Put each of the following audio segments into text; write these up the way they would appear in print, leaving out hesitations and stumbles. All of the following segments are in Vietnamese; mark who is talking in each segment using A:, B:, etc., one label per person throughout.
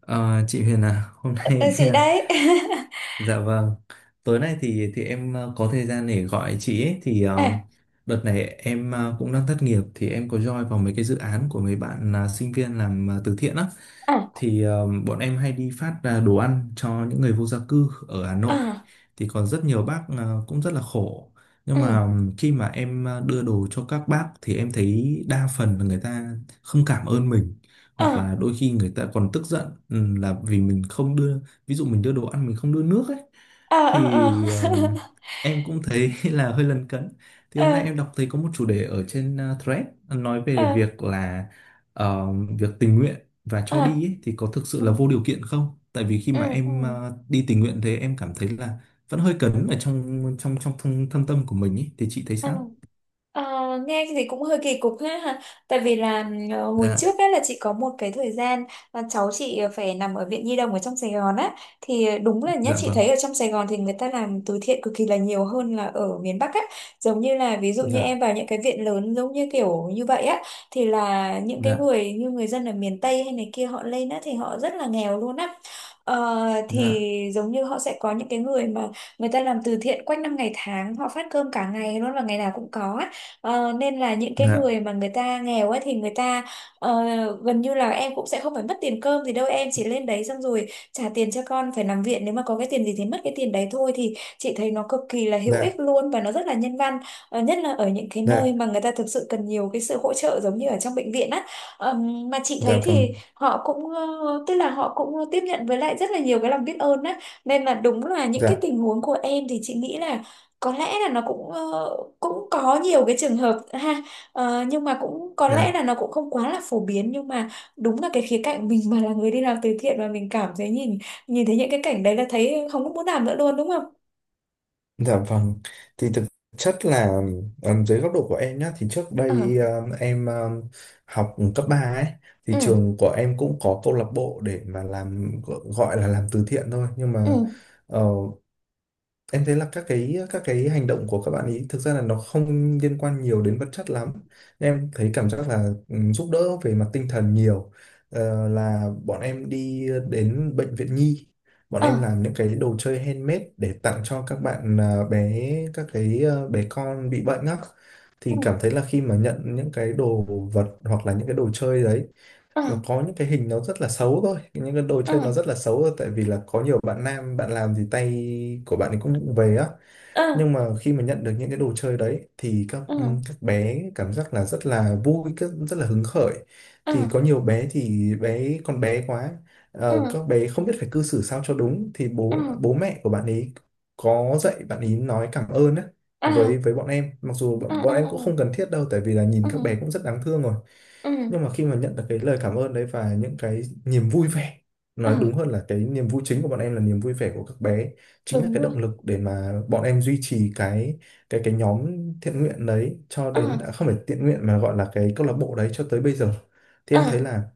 A: Ờ, chị Huyền à, hôm
B: Ờ,
A: nay
B: chị đấy.
A: Dạ, vâng. Tối nay thì em có thời gian để gọi chị ấy thì
B: Ờ,
A: đợt này em cũng đang thất nghiệp thì em có join vào mấy cái dự án của mấy bạn sinh viên làm từ thiện á.
B: ờ,
A: Thì bọn em hay đi phát đồ ăn cho những người vô gia cư ở Hà
B: ờ,
A: Nội. Thì còn rất nhiều bác cũng rất là khổ. Nhưng
B: ừ,
A: mà khi mà em đưa đồ cho các bác thì em thấy đa phần là người ta không cảm ơn mình,
B: ờ,
A: hoặc là đôi khi người ta còn tức giận, là vì mình không đưa. Ví dụ mình đưa đồ ăn mình không đưa nước ấy
B: ờ, ờ, ờ.
A: thì em cũng thấy là hơi lấn cấn. Thì hôm nay
B: Ờ,
A: em đọc thấy có một chủ đề ở trên thread nói về
B: ờ,
A: việc là, việc tình nguyện và
B: ờ,
A: cho đi ấy, thì có thực sự
B: ừ,
A: là vô điều kiện không, tại vì khi
B: ừ,
A: mà em đi tình nguyện thế em cảm thấy là vẫn hơi cấn ở trong trong trong thâm tâm của mình ấy. Thì chị thấy
B: ừ.
A: sao?
B: Ờ, nghe thì cũng hơi kỳ cục ha ha. Tại vì là hồi
A: Dạ,
B: trước ấy là chị có một cái thời gian là cháu chị phải nằm ở viện nhi đồng ở trong Sài Gòn á, thì đúng là nhá,
A: dạ,
B: chị
A: vâng,
B: thấy ở trong Sài Gòn thì người ta làm từ thiện cực kỳ là nhiều hơn là ở miền Bắc á. Giống như là ví dụ như
A: dạ,
B: em vào những cái viện lớn giống như kiểu như vậy á, thì là những cái
A: dạ,
B: người như người dân ở miền Tây hay này kia họ lên á thì họ rất là nghèo luôn á. Ờ, thì
A: dạ,
B: giống như họ sẽ có những cái người mà người ta làm từ thiện quanh năm ngày tháng, họ phát cơm cả ngày luôn và ngày nào cũng có á. Nên là những cái
A: dạ,
B: người mà người ta nghèo ấy thì người ta ờ, gần như là em cũng sẽ không phải mất tiền cơm gì đâu, em chỉ lên đấy xong rồi trả tiền cho con phải nằm viện, nếu mà có cái tiền gì thì mất cái tiền đấy thôi. Thì chị thấy nó cực kỳ là hữu
A: dạ,
B: ích luôn và nó rất là nhân văn. Nhất là ở những cái nơi
A: dạ,
B: mà người ta thực sự cần nhiều cái sự hỗ trợ giống như ở trong bệnh viện á. Mà chị
A: dạ,
B: thấy
A: vâng,
B: thì họ cũng tức là họ cũng tiếp nhận với lại rất là nhiều cái lòng biết ơn á, nên là đúng là những
A: dạ,
B: cái tình huống của em thì chị nghĩ là có lẽ là nó cũng cũng có nhiều cái trường hợp ha. Nhưng mà cũng có lẽ
A: dạ.
B: là nó cũng không quá là phổ biến, nhưng mà đúng là cái khía cạnh mình mà là người đi làm từ thiện mà mình cảm thấy nhìn nhìn thấy những cái cảnh đấy là thấy không có muốn làm nữa luôn đúng không?
A: Dạ, vâng, thì thực chất là, dưới góc độ của em nhá, thì trước
B: Ờ,
A: đây, em học cấp 3 ấy, thì
B: ừ,
A: trường của em cũng có câu lạc bộ để mà làm, gọi là làm từ thiện thôi, nhưng
B: ừ,
A: mà ờ, em thấy là các cái hành động của các bạn ấy thực ra là nó không liên quan nhiều đến vật chất lắm. Nên em thấy cảm giác là, ừ, giúp đỡ về mặt tinh thần nhiều. Là bọn em đi đến bệnh viện nhi, bọn
B: ờ,
A: em làm những cái đồ chơi handmade để tặng cho các bạn, bé, các cái, bé con bị bệnh á. Thì
B: ừ,
A: cảm thấy là khi mà nhận những cái đồ vật hoặc là những cái đồ chơi đấy,
B: ờ,
A: và có những cái hình nó rất là xấu thôi, những cái đồ
B: ờ,
A: chơi nó rất là xấu thôi, tại vì là có nhiều bạn nam bạn làm thì tay của bạn ấy cũng vụng về á.
B: ờ,
A: Nhưng mà khi mà nhận được những cái đồ chơi đấy thì các
B: ờ,
A: ừm, các bé cảm giác là rất là vui, rất là hứng khởi.
B: ờ,
A: Thì có nhiều bé thì bé con bé quá,
B: ờ, ờ,
A: các bé không biết phải cư xử sao cho đúng, thì
B: ờ,
A: bố bố mẹ của bạn ấy có dạy bạn ấy nói cảm ơn á
B: ờ,
A: với bọn em, mặc dù
B: ờ,
A: bọn
B: ờ,
A: em
B: ờ,
A: cũng không cần thiết đâu, tại vì là nhìn
B: ờ,
A: các bé cũng rất đáng thương rồi.
B: ờ,
A: Nhưng mà khi mà nhận được cái lời cảm ơn đấy và những cái niềm vui vẻ,
B: ờ,
A: nói đúng hơn là cái niềm vui chính của bọn em là niềm vui vẻ của các bé, chính là
B: đúng
A: cái động
B: rồi,
A: lực để mà bọn em duy trì cái nhóm thiện nguyện đấy cho
B: ờ,
A: đến, không phải thiện nguyện mà gọi là cái câu lạc bộ đấy cho tới bây giờ. Thì em thấy
B: ờ.
A: là,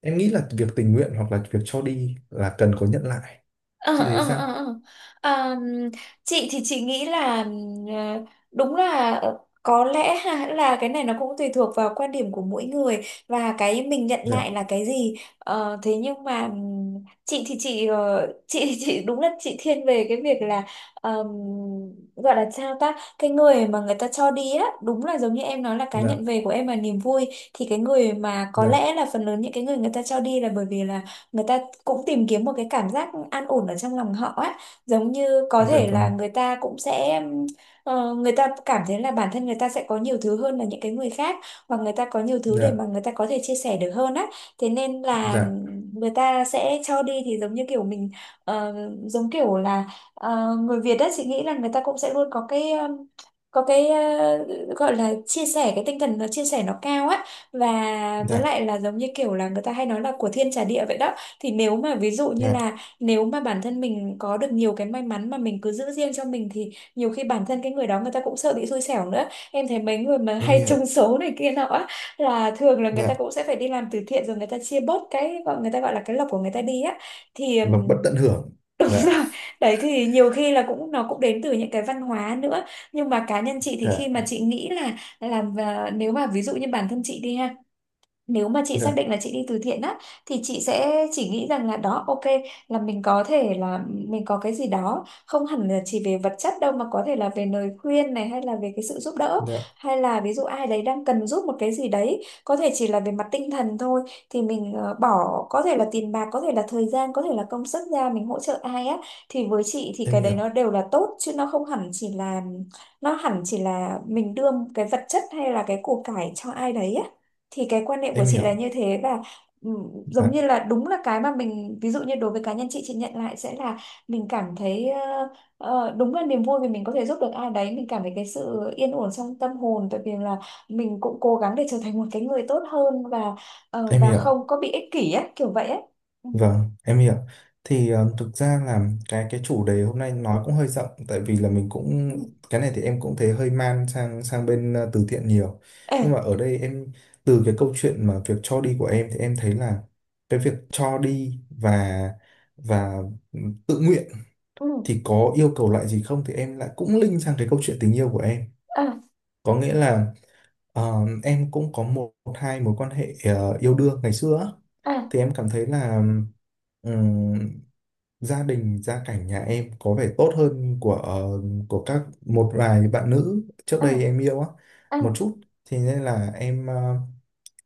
A: em nghĩ là việc tình nguyện hoặc là việc cho đi là cần có nhận lại.
B: Ờ,
A: Chị thấy
B: ờ,
A: sao?
B: ờ, ờ. Ờm, chị thì chị nghĩ là ờ, đúng là có lẽ ha, là cái này nó cũng tùy thuộc vào quan điểm của mỗi người và cái mình nhận
A: Dạ,
B: lại là cái gì. Ờ, Thế nhưng mà chị thì chị chị thì chị đúng là chị thiên về cái việc là, ờm, gọi là sao ta, cái người mà người ta cho đi á, đúng là giống như em nói là cái nhận
A: dạ,
B: về của em là niềm vui, thì cái người mà có
A: dạ,
B: lẽ là phần lớn những cái người người ta cho đi là bởi vì là người ta cũng tìm kiếm một cái cảm giác an ổn ở trong lòng họ á. Giống như có
A: dạ,
B: thể là
A: vâng,
B: người ta cũng sẽ, người ta cảm thấy là bản thân người ta sẽ có nhiều thứ hơn là những cái người khác, hoặc người ta có nhiều thứ để mà
A: dạ,
B: người ta có thể chia sẻ được hơn á. Thế nên là
A: dạ,
B: người ta sẽ cho đi, thì giống như kiểu mình, ờ, giống kiểu là người Việt á, chị nghĩ là người ta cũng sẽ luôn có cái, có cái gọi là chia sẻ, cái tinh thần nó chia sẻ nó cao á. Và
A: dạ,
B: với lại là giống như kiểu là người ta hay nói là của thiên trả địa vậy đó. Thì nếu mà ví dụ như
A: dạ,
B: là nếu mà bản thân mình có được nhiều cái may mắn mà mình cứ giữ riêng cho mình thì nhiều khi bản thân cái người đó, người ta cũng sợ bị xui xẻo nữa. Em thấy mấy người mà
A: em
B: hay trúng
A: hiểu,
B: số này kia nọ á, là thường là người
A: dạ,
B: ta cũng sẽ phải đi làm từ thiện rồi, người ta chia bớt cái, gọi người ta gọi là cái lộc của người ta đi á. Thì
A: là bất tận hưởng,
B: đúng
A: dạ,
B: rồi. Đấy, thì nhiều khi là cũng, nó cũng đến từ những cái văn hóa nữa. Nhưng mà cá nhân chị thì
A: dạ,
B: khi mà chị nghĩ là làm, và nếu mà ví dụ như bản thân chị đi ha, nếu mà chị xác
A: dạ.
B: định là chị đi từ thiện á, thì chị sẽ chỉ nghĩ rằng là đó, ok, là mình có thể là mình có cái gì đó không hẳn là chỉ về vật chất đâu, mà có thể là về lời khuyên này, hay là về cái sự giúp đỡ,
A: Dạ,
B: hay là ví dụ ai đấy đang cần giúp một cái gì đấy, có thể chỉ là về mặt tinh thần thôi, thì mình bỏ có thể là tiền bạc, có thể là thời gian, có thể là công sức ra mình hỗ trợ ai á, thì với chị thì
A: em
B: cái đấy nó
A: hiểu,
B: đều là tốt, chứ nó không hẳn chỉ là, nó hẳn chỉ là mình đưa cái vật chất hay là cái của cải cho ai đấy á. Thì cái quan niệm của
A: em
B: chị là
A: hiểu,
B: như thế. Và ừ, giống như
A: dạ,
B: là đúng là cái mà mình, ví dụ như đối với cá nhân chị nhận lại sẽ là mình cảm thấy đúng là niềm vui vì mình có thể giúp được ai đấy, mình cảm thấy cái sự yên ổn trong tâm hồn, tại vì là mình cũng cố gắng để trở thành một cái người tốt hơn và
A: em
B: và
A: hiểu,
B: không có bị ích kỷ á, kiểu vậy á. Ừ.
A: vâng, em hiểu. Thì thực ra là cái chủ đề hôm nay nói cũng hơi rộng, tại vì là mình cũng,
B: Ừ.
A: cái này thì em cũng thấy hơi man sang sang bên từ thiện nhiều.
B: Ê,
A: Nhưng mà ở đây em, từ cái câu chuyện mà việc cho đi của em thì em thấy là cái việc cho đi và tự nguyện
B: ừ.
A: thì có yêu cầu lại gì không, thì em lại cũng link sang cái câu chuyện tình yêu của em.
B: À,
A: Có nghĩa là, Ờ, em cũng có một hai mối quan hệ yêu đương ngày xưa á.
B: à,
A: Thì em cảm thấy là, ừm, gia đình gia cảnh nhà em có vẻ tốt hơn của của các một vài bạn nữ trước
B: à,
A: đây em yêu á
B: à,
A: một chút. Thì nên là em, ờ,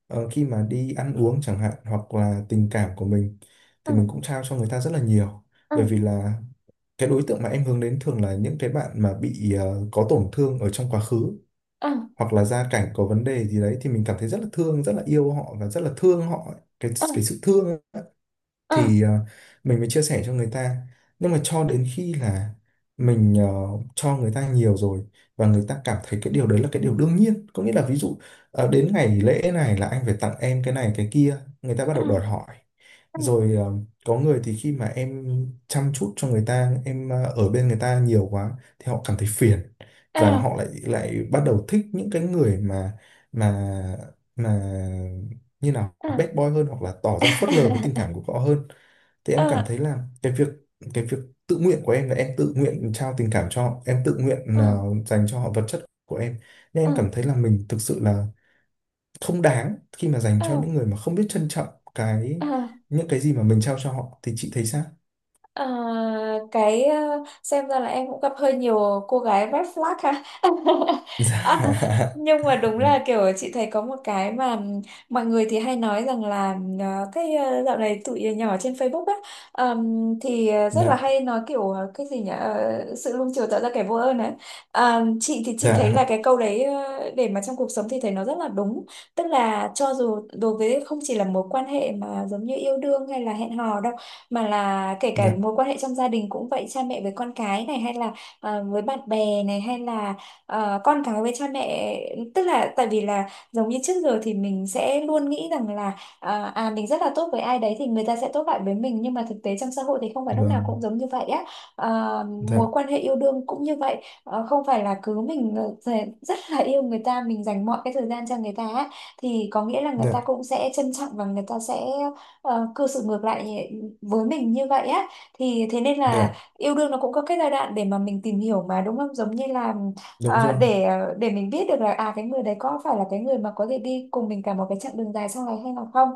A: ờ, khi mà đi ăn uống chẳng hạn hoặc là tình cảm của mình
B: à,
A: thì mình cũng trao cho người ta rất là nhiều,
B: à,
A: bởi vì là cái đối tượng mà em hướng đến thường là những cái bạn mà bị có tổn thương ở trong quá khứ,
B: à,
A: hoặc là gia cảnh có vấn đề gì đấy, thì mình cảm thấy rất là thương, rất là yêu họ và rất là thương họ, cái
B: à,
A: cái sự thương ấy,
B: à,
A: thì mình mới chia sẻ cho người ta. Nhưng mà cho đến khi là mình cho người ta nhiều rồi, và người ta cảm thấy cái điều đấy là cái điều đương nhiên, có nghĩa là ví dụ đến ngày lễ này là anh phải tặng em cái này cái kia, người ta bắt
B: à,
A: đầu đòi hỏi. Rồi có người thì khi mà em chăm chút cho người ta, em ở bên người ta nhiều quá thì họ cảm thấy phiền, và
B: à,
A: họ lại lại bắt đầu thích những cái người mà mà mà như nào
B: à,
A: bad boy hơn, hoặc là tỏ ra phớt lờ với tình cảm của họ hơn. Thì em cảm
B: à,
A: thấy là cái việc tự nguyện của em là em tự nguyện trao tình cảm cho họ, em tự nguyện
B: à,
A: dành cho họ vật chất của em, nên
B: à,
A: em cảm thấy là mình thực sự là không đáng khi mà dành
B: à,
A: cho những người mà không biết trân trọng cái
B: à.
A: những cái gì mà mình trao cho họ. Thì chị thấy sao?
B: Ờ, cái ờ, xem ra là em cũng gặp hơi nhiều cô gái red flag ha. À, nhưng
A: Dạ,
B: mà đúng là kiểu chị thấy có một cái mà mọi người thì hay nói rằng là, cái dạo này tụi nhỏ trên Facebook á, thì rất là
A: dạ,
B: hay nói kiểu cái gì nhỉ, ờ, sự nuông chiều tạo ra kẻ vô ơn ấy. Chị thì chị thấy là
A: dạ,
B: cái câu đấy để mà trong cuộc sống thì thấy nó rất là đúng, tức là cho dù đối với không chỉ là mối quan hệ mà giống như yêu đương hay là hẹn hò đâu, mà là kể cả
A: dạ,
B: mối quan hệ trong gia đình cũng vậy, cha mẹ với con cái này, hay là với bạn bè này, hay là con cái với cha mẹ. Tức là tại vì là giống như trước giờ thì mình sẽ luôn nghĩ rằng là à mình rất là tốt với ai đấy thì người ta sẽ tốt lại với mình, nhưng mà thực tế trong xã hội thì không phải lúc nào
A: vâng,
B: cũng giống như vậy á. Mối
A: dạ,
B: quan hệ yêu đương cũng như vậy. Không phải là cứ mình, rất là yêu người ta, mình dành mọi cái thời gian cho người ta á, thì có nghĩa là người ta
A: dạ,
B: cũng sẽ trân trọng và người ta sẽ cư xử ngược lại với mình như vậy á. Thì thế nên là
A: dạ,
B: yêu đương nó cũng có cái giai đoạn để mà mình tìm hiểu mà, đúng không, giống như là
A: đúng
B: à,
A: rồi,
B: để mình biết được là à cái người đấy có phải là cái người mà có thể đi cùng mình cả một cái chặng đường dài sau này hay là không.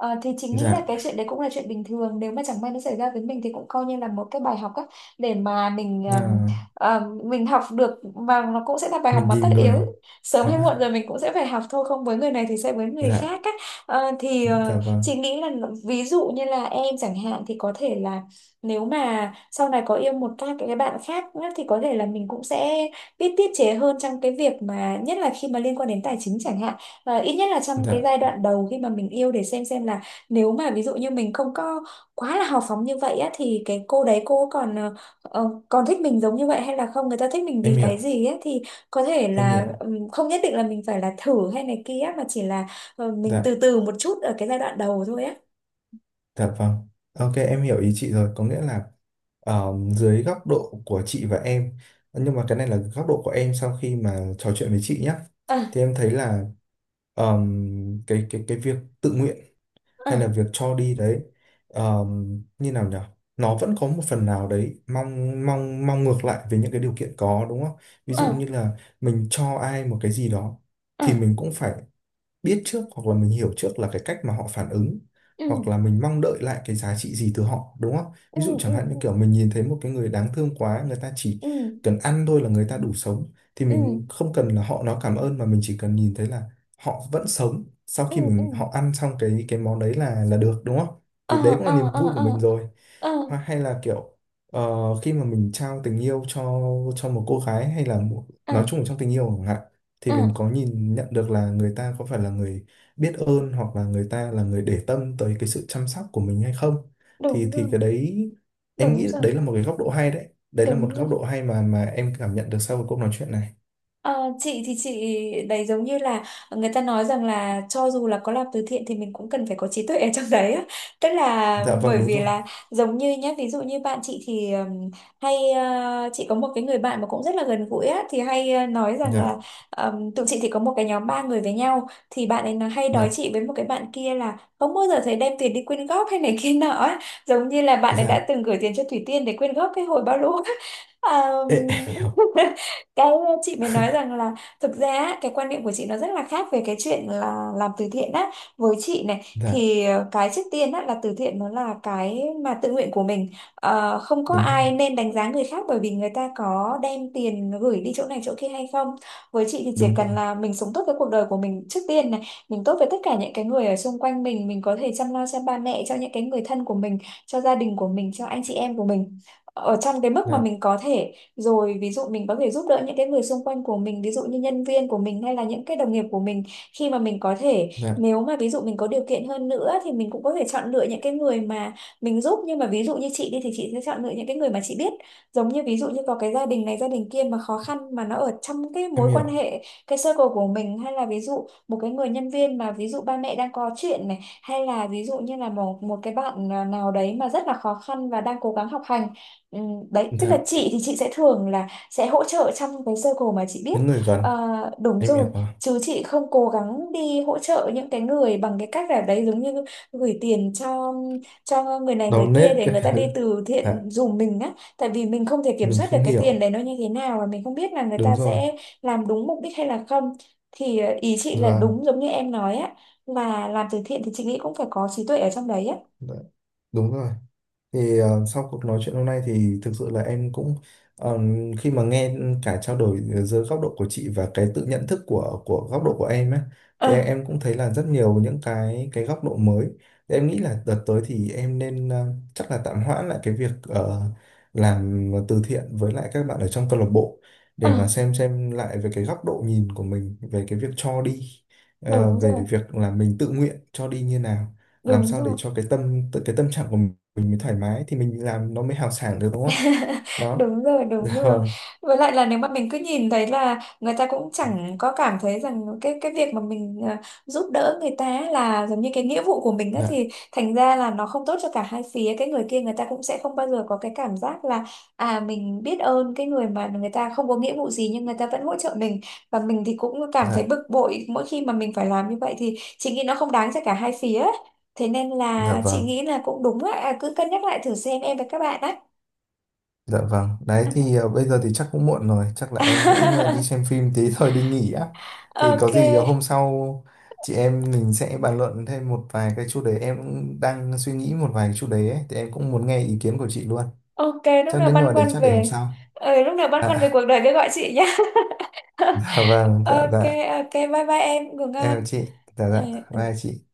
B: Thì chính nghĩ là
A: dạ,
B: cái chuyện đấy cũng là chuyện bình thường, nếu mà chẳng may nó xảy ra với mình thì cũng coi như là một cái bài học á, để mà
A: là
B: mình học được, và nó cũng sẽ là bài học
A: mình
B: mà tất
A: nhìn
B: yếu
A: người,
B: sớm
A: đúng không
B: hay muộn
A: ạ?
B: rồi mình cũng sẽ phải học thôi, không với người này thì sẽ với người
A: Dạ.
B: khác á. Ờ, thì
A: Dạ,
B: ờ, chị
A: vâng,
B: nghĩ là ví dụ như là em chẳng hạn, thì có thể là nếu mà sau này có yêu một các cái bạn khác nữa thì có thể là mình cũng sẽ biết tiết chế hơn trong cái việc mà nhất là khi mà liên quan đến tài chính chẳng hạn, và ít nhất là trong cái
A: dạ,
B: giai đoạn đầu khi mà mình yêu, để xem là nếu mà ví dụ như mình không có quá là hào phóng như vậy á thì cái cô đấy cô còn còn thích mình giống như vậy hay là không, người ta thích mình
A: em
B: vì
A: hiểu,
B: cái gì á, thì có thể
A: em
B: là,
A: hiểu,
B: không nhất định là mình phải là thử hay này kia, mà chỉ là ờ, mình
A: dạ,
B: từ từ một chút ở cái giai đoạn đầu thôi Á.
A: dạ, vâng. Ok, em hiểu ý chị rồi, có nghĩa là dưới góc độ của chị và em, nhưng mà cái này là góc độ của em sau khi mà trò chuyện với chị nhé,
B: À,
A: thì em thấy là, cái việc tự nguyện hay là
B: à,
A: việc cho đi đấy, như nào nhỉ? Nó vẫn có một phần nào đấy mong mong mong ngược lại với những cái điều kiện, có đúng không? Ví dụ
B: à,
A: như là mình cho ai một cái gì đó thì
B: à.
A: mình cũng phải biết trước, hoặc là mình hiểu trước là cái cách mà họ phản ứng,
B: Ừ,
A: hoặc là mình mong đợi lại cái giá trị gì từ họ, đúng không?
B: ừ,
A: Ví dụ chẳng
B: ừ,
A: hạn như
B: ừ,
A: kiểu mình nhìn thấy một cái người đáng thương quá, người ta chỉ
B: ừ,
A: cần ăn thôi là người ta đủ sống, thì
B: ừ,
A: mình không cần là họ nói cảm ơn, mà mình chỉ cần nhìn thấy là họ vẫn sống sau
B: ừ,
A: khi
B: ừ.
A: mình, họ ăn xong cái món đấy là được, đúng không?
B: À,
A: Thì đấy cũng là
B: à,
A: niềm
B: à,
A: vui của mình
B: à,
A: rồi.
B: à,
A: Hoặc hay là kiểu, ờ, khi mà mình trao tình yêu cho một cô gái hay là
B: à,
A: nói chung là trong tình yêu chẳng hạn, thì mình
B: à.
A: có nhìn nhận được là người ta có phải là người biết ơn, hoặc là người ta là người để tâm tới cái sự chăm sóc của mình hay không, thì
B: Đúng
A: thì
B: rồi,
A: cái đấy, em
B: đúng
A: nghĩ
B: rồi,
A: đấy là một cái góc độ hay, đấy đấy là một
B: đúng rồi.
A: góc độ hay mà em cảm nhận được sau cái cuộc nói chuyện này.
B: Ờ, chị thì chị đấy, giống như là người ta nói rằng là cho dù là có làm từ thiện thì mình cũng cần phải có trí tuệ ở trong đấy á. Tức là
A: Dạ, vâng,
B: bởi
A: đúng
B: vì
A: rồi,
B: là giống như nhá, ví dụ như bạn chị thì hay chị có một cái người bạn mà cũng rất là gần gũi á, thì hay nói rằng là
A: dạ,
B: tụi chị thì có một cái nhóm ba người với nhau, thì bạn ấy nó hay nói
A: dạ,
B: chị với một cái bạn kia là không bao giờ thấy đem tiền đi quyên góp hay này kia nọ á. Giống như là bạn ấy đã
A: dạ.
B: từng gửi tiền cho Thủy Tiên để quyên góp cái hồi bao lũ á. Ờ,
A: Ê, em hiểu,
B: cái chị mới nói rằng là thực ra á, cái quan niệm của chị nó rất là khác về cái chuyện là làm từ thiện á. Với chị này
A: dạ,
B: thì cái trước tiên á là từ thiện nó là cái mà tự nguyện của mình. Ờ, không có
A: đúng rồi,
B: ai nên đánh giá người khác bởi vì người ta có đem tiền gửi đi chỗ này chỗ kia hay không. Với chị thì chỉ
A: đúng rồi,
B: cần là mình sống tốt với cuộc đời của mình trước tiên này, mình tốt với tất cả những cái người ở xung quanh mình có thể chăm lo cho ba mẹ, cho những cái người thân của mình, cho gia đình của mình, cho anh chị em của mình, ở trong cái mức mà
A: dạ,
B: mình có thể. Rồi ví dụ mình có thể giúp đỡ những cái người xung quanh của mình, ví dụ như nhân viên của mình hay là những cái đồng nghiệp của mình, khi mà mình có thể.
A: dạ,
B: Nếu mà ví dụ mình có điều kiện hơn nữa thì mình cũng có thể chọn lựa những cái người mà mình giúp, nhưng mà ví dụ như chị đi thì chị sẽ chọn lựa những cái người mà chị biết. Giống như ví dụ như có cái gia đình này gia đình kia mà khó khăn mà nó ở trong cái
A: em
B: mối quan
A: hiểu,
B: hệ, cái circle của mình, hay là ví dụ một cái người nhân viên mà ví dụ ba mẹ đang có chuyện này, hay là ví dụ như là một một cái bạn nào đấy mà rất là khó khăn và đang cố gắng học hành. Ừ, đấy tức là
A: dạ,
B: chị thì chị sẽ thường là sẽ hỗ trợ trong cái circle mà chị biết.
A: những người gần,
B: Ờ, đúng
A: em
B: rồi.
A: hiểu, à,
B: Chứ chị không cố gắng đi hỗ trợ những cái người bằng cái cách là đấy, giống như gửi tiền cho người này người
A: đau nết
B: kia để
A: cái
B: người ta đi
A: thứ,
B: từ
A: dạ,
B: thiện giùm mình á, tại vì mình không thể kiểm
A: mình
B: soát được
A: không
B: cái tiền
A: hiểu,
B: đấy nó như thế nào và mình không biết là người
A: đúng
B: ta
A: rồi,
B: sẽ làm đúng mục đích hay là không. Thì ý chị là
A: vâng,
B: đúng giống như em nói á, là làm từ thiện thì chị nghĩ cũng phải có trí tuệ ở trong đấy á.
A: dạ, đúng rồi. Thì sau cuộc nói chuyện hôm nay thì thực sự là em cũng ờ, khi mà nghe cả trao đổi giữa góc độ của chị và cái tự nhận thức của góc độ của em ấy, thì
B: Ờ,
A: em cũng thấy là rất nhiều những cái góc độ mới. Thì em nghĩ là đợt tới thì em nên chắc là tạm hoãn lại cái việc làm từ thiện với lại các bạn ở trong câu lạc bộ,
B: ờ,
A: để mà xem lại về cái góc độ nhìn của mình về cái việc cho đi,
B: đúng
A: về
B: rồi,
A: việc là mình tự nguyện cho đi như nào, làm
B: đúng
A: sao để
B: rồi.
A: cho cái tâm trạng của mình mới thoải mái thì mình làm nó mới hào sảng được, đúng không? Đó.
B: Đúng rồi, đúng
A: Dạ,
B: rồi.
A: vâng,
B: Với lại là nếu mà mình cứ nhìn thấy là người ta cũng chẳng có cảm thấy rằng cái việc mà mình giúp đỡ người ta là giống như cái nghĩa vụ của mình á,
A: dạ,
B: thì thành ra là nó không tốt cho cả hai phía. Cái người kia người ta cũng sẽ không bao giờ có cái cảm giác là à mình biết ơn cái người mà người ta không có nghĩa vụ gì nhưng người ta vẫn hỗ trợ mình. Và mình thì cũng cảm thấy
A: dạ,
B: bực bội mỗi khi mà mình phải làm như vậy, thì chị nghĩ nó không đáng cho cả hai phía. Thế nên
A: dạ,
B: là chị
A: vâng,
B: nghĩ là cũng đúng á, cứ cân nhắc lại thử xem em với các bạn á.
A: dạ, vâng, đấy thì bây giờ thì chắc cũng muộn rồi, chắc là em cũng đi xem phim tí thôi, đi nghỉ á. Thì có gì hôm
B: Ok,
A: sau chị em mình sẽ bàn luận thêm một vài cái chủ đề, em cũng đang suy nghĩ một vài cái chủ đề ấy thì em cũng muốn nghe ý kiến của chị luôn.
B: ok,
A: Chắc đến, nhưng để chắc để hôm sau.
B: lúc nào băn khoăn về
A: Dạ.
B: cuộc đời cứ gọi chị nhé.
A: Dạ, vâng, dạ,
B: Ok,
A: dạ.
B: ok, bye bye em ngủ
A: Em
B: ngon.
A: chào chị. Dạ,
B: Ừ.
A: dạ,
B: Ừ.
A: bye chị.